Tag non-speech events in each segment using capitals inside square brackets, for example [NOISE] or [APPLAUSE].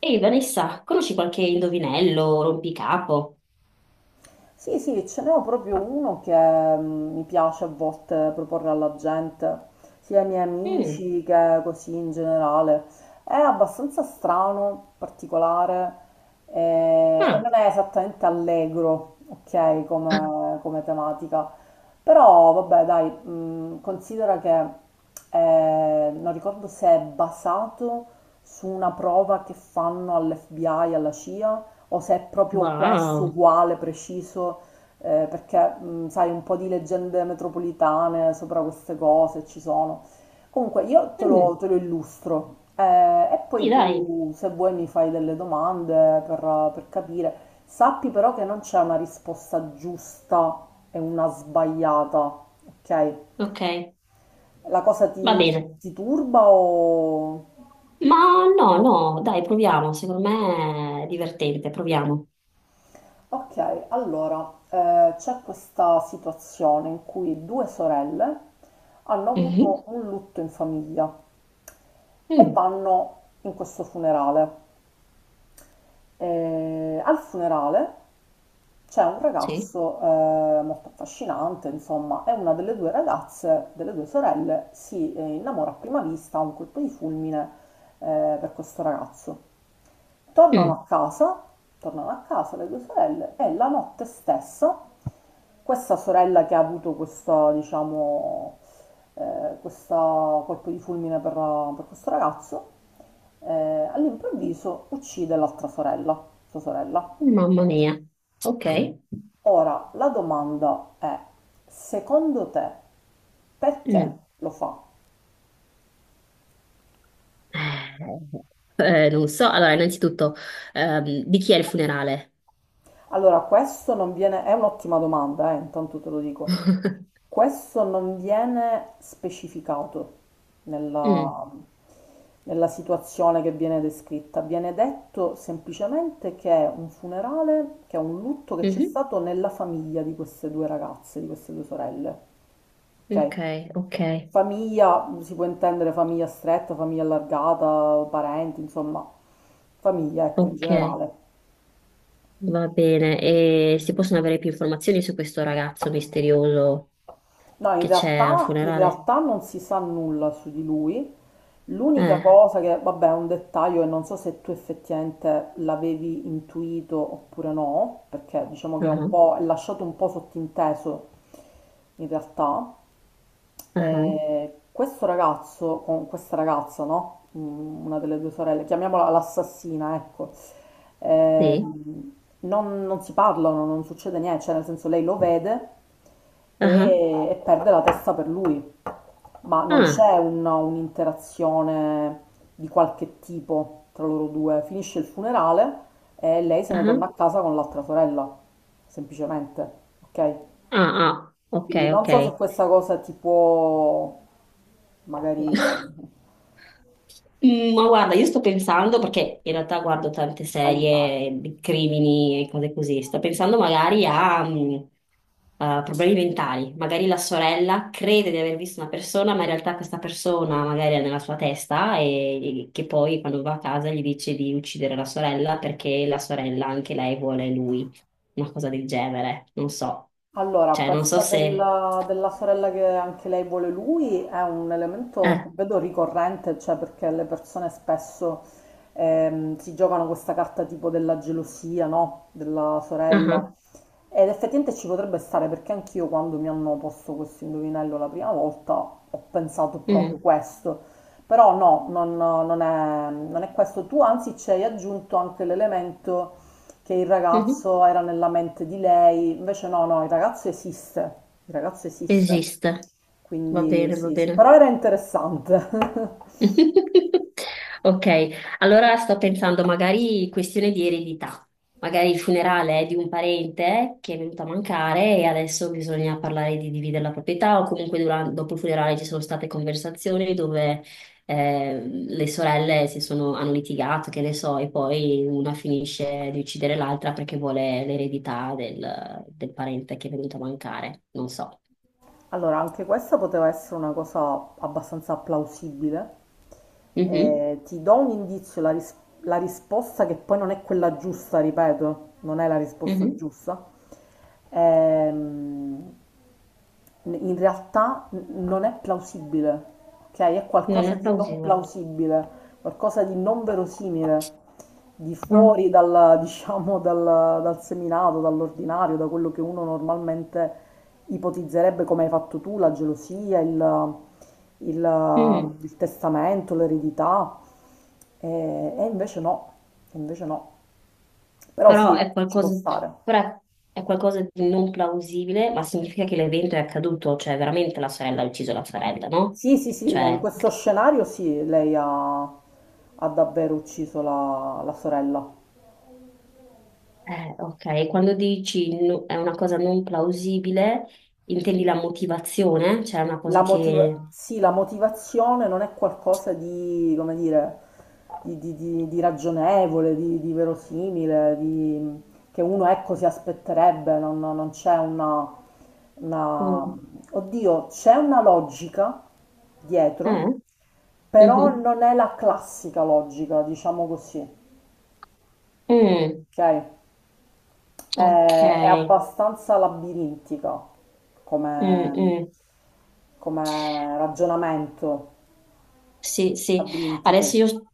Ehi Vanessa, conosci qualche indovinello, rompicapo? Sì, sì, ce n'ho proprio uno che mi piace a volte proporre alla gente, sia ai miei Mm. amici che così in generale. È abbastanza strano, particolare e Ah. non è esattamente allegro, ok, [LAUGHS] come tematica. Però vabbè, dai, considera che non ricordo se è basato su una prova che fanno all'FBI, alla CIA o se è proprio questo Wow, uguale, preciso, perché sai, un po' di leggende metropolitane sopra queste cose ci sono. Comunque, mm. te lo illustro e Sì, poi dai, tu, se vuoi, mi fai delle domande per capire. Sappi però che non c'è una risposta giusta e una sbagliata, ok? ok, La cosa ti, va bene. ti turba o... Ma no, no, dai, proviamo, secondo me è divertente, proviamo. Ok, allora c'è questa situazione in cui due sorelle hanno avuto Mhm. un lutto in famiglia e Mm. vanno in questo funerale. E al funerale c'è un Sì. ragazzo molto affascinante, insomma, e una delle due ragazze, delle due sorelle, si innamora a prima vista, ha un colpo di fulmine per questo ragazzo. Tornano a Mm. casa, tornano a casa le due sorelle e la notte stessa questa sorella che ha avuto questo, diciamo, questo colpo di fulmine per questo ragazzo all'improvviso uccide l'altra sorella, sua sorella. Mamma mia, ok. Ora, la domanda è, secondo te, perché Mm. lo fa? Non so, allora innanzitutto, di chi è il funerale? Allora, questo non viene, è un'ottima domanda, intanto te lo dico. [LAUGHS] Questo non viene specificato Mm. nella, nella situazione che viene descritta. Viene detto semplicemente che è un funerale, che è un lutto che c'è Mhm. stato nella famiglia di queste due ragazze, di queste due sorelle. Ok, Ok? ok, Famiglia, si può intendere famiglia stretta, famiglia allargata, parenti, insomma, famiglia, ecco, in ok. generale. Va bene, e si possono avere più informazioni su questo ragazzo misterioso No, che c'è al in funerale? realtà non si sa nulla su di lui. L'unica Eh, cosa che, vabbè, è un dettaglio e non so se tu effettivamente l'avevi intuito oppure no, perché diciamo che è un ah, po', è lasciato un po' sottinteso in realtà. ah, Questo ragazzo, con questa ragazza, no? Mm, una delle due sorelle, chiamiamola l'assassina, ecco. sì, ehm, non si parlano, non succede niente, cioè nel senso lei lo vede ah, e perde la testa per lui, ma non ah, c'è un'interazione di qualche tipo tra loro due. Finisce il funerale e lei se ne ah, torna a casa con l'altra sorella, semplicemente, ok? ah, ah, ok, Quindi non ok. so se questa cosa ti può [LAUGHS] magari Sì. Mm, ma guarda, io sto pensando, perché in realtà guardo tante aiutare. serie di crimini e cose così, sto pensando magari a, a problemi mentali. Magari la sorella crede di aver visto una persona, ma in realtà questa persona magari è nella sua testa, e che poi quando va a casa gli dice di uccidere la sorella perché la sorella anche lei vuole lui, una cosa del genere, non so. Allora, Cioè, non so questa se. Della sorella che anche lei vuole lui è un elemento, Eh, vedo, ricorrente, cioè perché le persone spesso si giocano questa carta tipo della gelosia, no? Della ah, sorella, ed effettivamente ci potrebbe stare perché anch'io quando mi hanno posto questo indovinello la prima volta ho pensato proprio mm. questo, però no, non è, non è questo. Tu anzi ci hai aggiunto anche l'elemento che il Mhm. ragazzo era nella mente di lei, invece no, no, il ragazzo esiste, Esiste. Va quindi bene, va sì, sì, bene. però era interessante. [LAUGHS] [LAUGHS] Ok, allora sto pensando magari questione di eredità, magari il funerale è di un parente che è venuto a mancare e adesso bisogna parlare di dividere la proprietà o comunque dopo il funerale ci sono state conversazioni dove le sorelle hanno litigato, che ne so, e poi una finisce di uccidere l'altra perché vuole l'eredità del parente che è venuto a mancare, non so. Allora, anche questa poteva essere una cosa abbastanza plausibile. Mhm, Ti do un indizio, la risposta che poi non è quella giusta, ripeto, non è la risposta mhm. giusta. Ehm, in realtà non è plausibile, ok? È Non qualcosa è di non plausibile. plausibile, qualcosa di non verosimile, No. [LAUGHS] Diciamo, dal seminato, dall'ordinario, da quello che uno normalmente ipotizzerebbe come hai fatto tu, la gelosia, Mm. il testamento, l'eredità, e invece no, e invece no. Però Però sì, è ci può qualcosa, stare. però è qualcosa di non plausibile, ma significa che l'evento è accaduto, cioè veramente la sorella ha ucciso la sorella, no? Sì, sì, sì, in Cioè, questo scenario sì, lei ha, ha davvero ucciso la sorella. Ok, quando dici è una cosa non plausibile, intendi la motivazione, cioè è una cosa che. Sì, la motivazione non è qualcosa di, come dire, di ragionevole, di verosimile, di- che uno ecco si aspetterebbe, non c'è una... Mm. Oddio, c'è una logica Eh? dietro, però Mhm. non è la classica logica, diciamo così, Mm. ok? Ok. È abbastanza labirintica Mm, come, mm. come ragionamento Sì, labirintico. adesso io,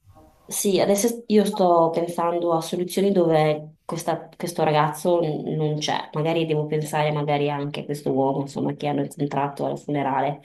sì, adesso io sto pensando a soluzioni dove questo ragazzo non c'è, magari devo pensare magari anche a questo uomo, insomma, che hanno incontrato al funerale.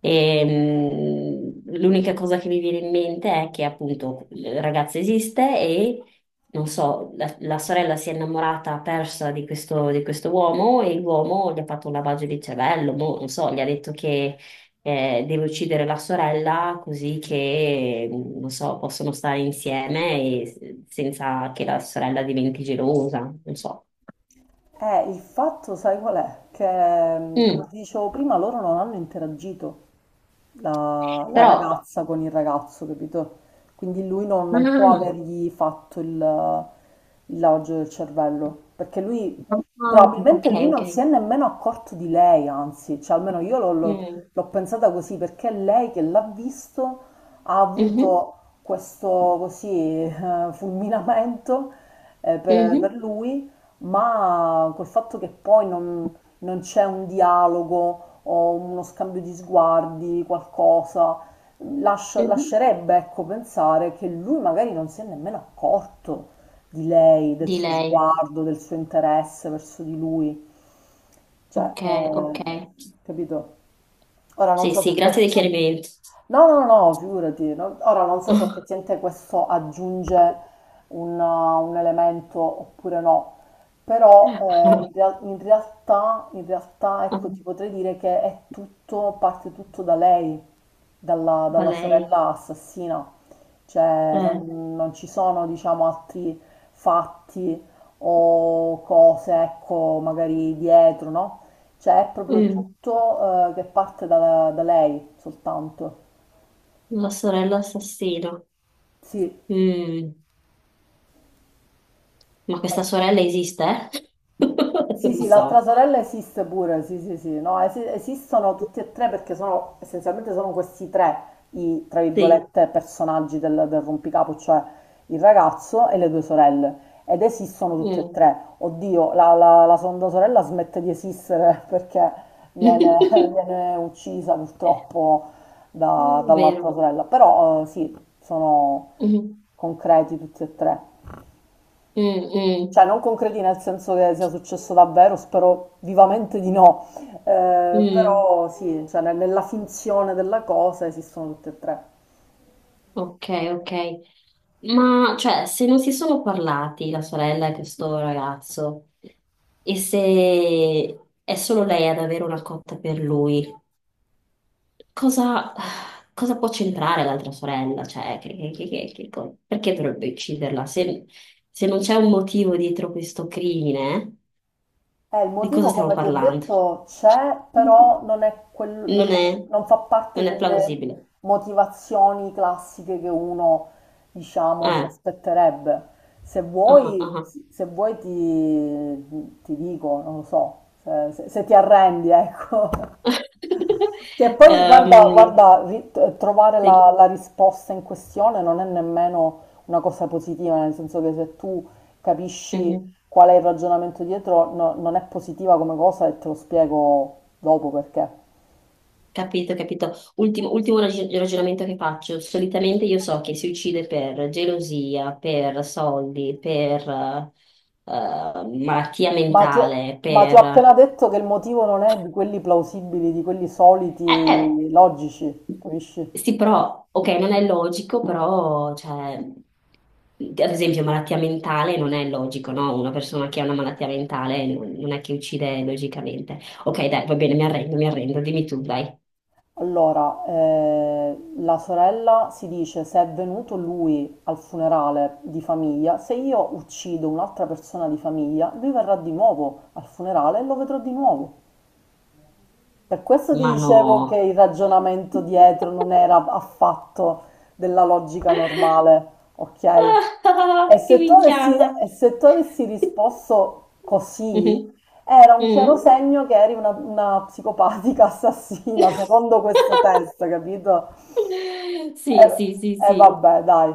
E, l'unica cosa che mi viene in mente è che appunto il ragazzo esiste e, non so, la sorella si è innamorata persa di questo uomo e l'uomo gli ha fatto un lavaggio di cervello, boh, non so, gli ha detto che deve uccidere la sorella così che, non so, possono stare insieme e senza che la sorella diventi gelosa, non so. Il fatto, sai qual è? Che, come Mm. ti dicevo prima, loro non hanno interagito, la Però. ragazza con il ragazzo, capito? Quindi lui non, non può Ah, avergli fatto il lavaggio del cervello, perché lui ah, ok, probabilmente lui ok. non si è nemmeno accorto di lei, anzi, cioè almeno io Mm. l'ho pensata così, perché lei che l'ha visto ha Mhm, avuto questo così fulminamento per mhm, lui, ma col fatto che poi non, non c'è un dialogo o uno scambio di sguardi, qualcosa, mhm. lascerebbe, ecco, pensare che lui magari non si è nemmeno accorto di lei, del Di suo lei. sguardo, del suo interesse verso di lui. Cioè, Ok, ok. Capito? Ora non Sì, so sì, se grazie del questa... chiarimento. No, no, no, figurati. No. Ora non so se [LAUGHS] effettivamente questo aggiunge un elemento oppure no, però in realtà, ecco, ti potrei dire che è tutto, parte tutto da lei, Va dalla lei. sorella assassina. Cioè, Eh, non ci sono, diciamo, altri fatti o cose, ecco, magari dietro, no? Cioè, è proprio mm, tutto, che parte da lei soltanto. La sorella assassina. Sì, Mm. Ma questa sorella esiste? [LAUGHS] Non sì, lo sì, l'altra so. sorella esiste pure, sì, sì, sì, no, esistono tutti e tre perché sono, essenzialmente sono questi tre i, tra Sì. virgolette, personaggi del rompicapo, cioè il ragazzo e le due sorelle, ed esistono tutti e Mm. tre. Oddio, la seconda sorella smette di esistere [LAUGHS] perché [LAUGHS] È viene, viene uccisa purtroppo dall'altra vero. sorella, però sì, sono Mm. concreti tutti e tre. Mm, mm, Cioè, non concreti nel senso che sia successo davvero, spero vivamente di no. Mm. Però sì, cioè, nella finzione della cosa esistono tutte e tre. Ok, ok. Ma cioè, se non si sono parlati la sorella e questo ragazzo, e se è solo lei ad avere una cotta per lui, cosa, cosa può c'entrare l'altra sorella? Cioè, perché dovrebbe ucciderla? Se non c'è un motivo dietro questo crimine. Il Di cosa motivo, stiamo come ti ho parlando? detto, c'è, però [LAUGHS] non è Non non, è, non fa parte non è delle plausibile. motivazioni classiche che uno, diciamo, si Eh, aspetterebbe. Se ah, vuoi, ah. se vuoi ti, ti dico, non lo so, se, se ti arrendi, ecco. [LAUGHS] [LAUGHS] Sì, e poi guarda, Ehm, guarda, trovare sì, la risposta in questione non è nemmeno una cosa positiva, nel senso che se tu capisci mhm. qual è il ragionamento dietro, non è positiva come cosa e te lo spiego dopo perché. Capito, capito. Ultimo, ultimo ragionamento che faccio. Solitamente io so che si uccide per gelosia, per soldi, per malattia Ma ti ho, mentale, ma ti ho per. appena detto che il motivo non è di quelli plausibili, di quelli eh, eh, soliti, logici, capisci? Sì, però, ok, non è logico, però, cioè, ad esempio, malattia mentale non è logico, no? Una persona che ha una malattia mentale non è che uccide logicamente. Ok, dai, va bene, mi arrendo, dimmi tu, dai. Allora, la sorella si dice se è venuto lui al funerale di famiglia, se io uccido un'altra persona di famiglia, lui verrà di nuovo al funerale e lo vedrò di nuovo. Per questo ti Ma dicevo che no. il ragionamento dietro non [LAUGHS] era affatto della logica normale, ok? Ah, che minchiata. E se tu avessi risposto così, Mhm. era un chiaro Mhm. segno che eri una psicopatica assassina, secondo questo [LAUGHS] test, capito? Sì, sì, sì, E sì. vabbè, dai.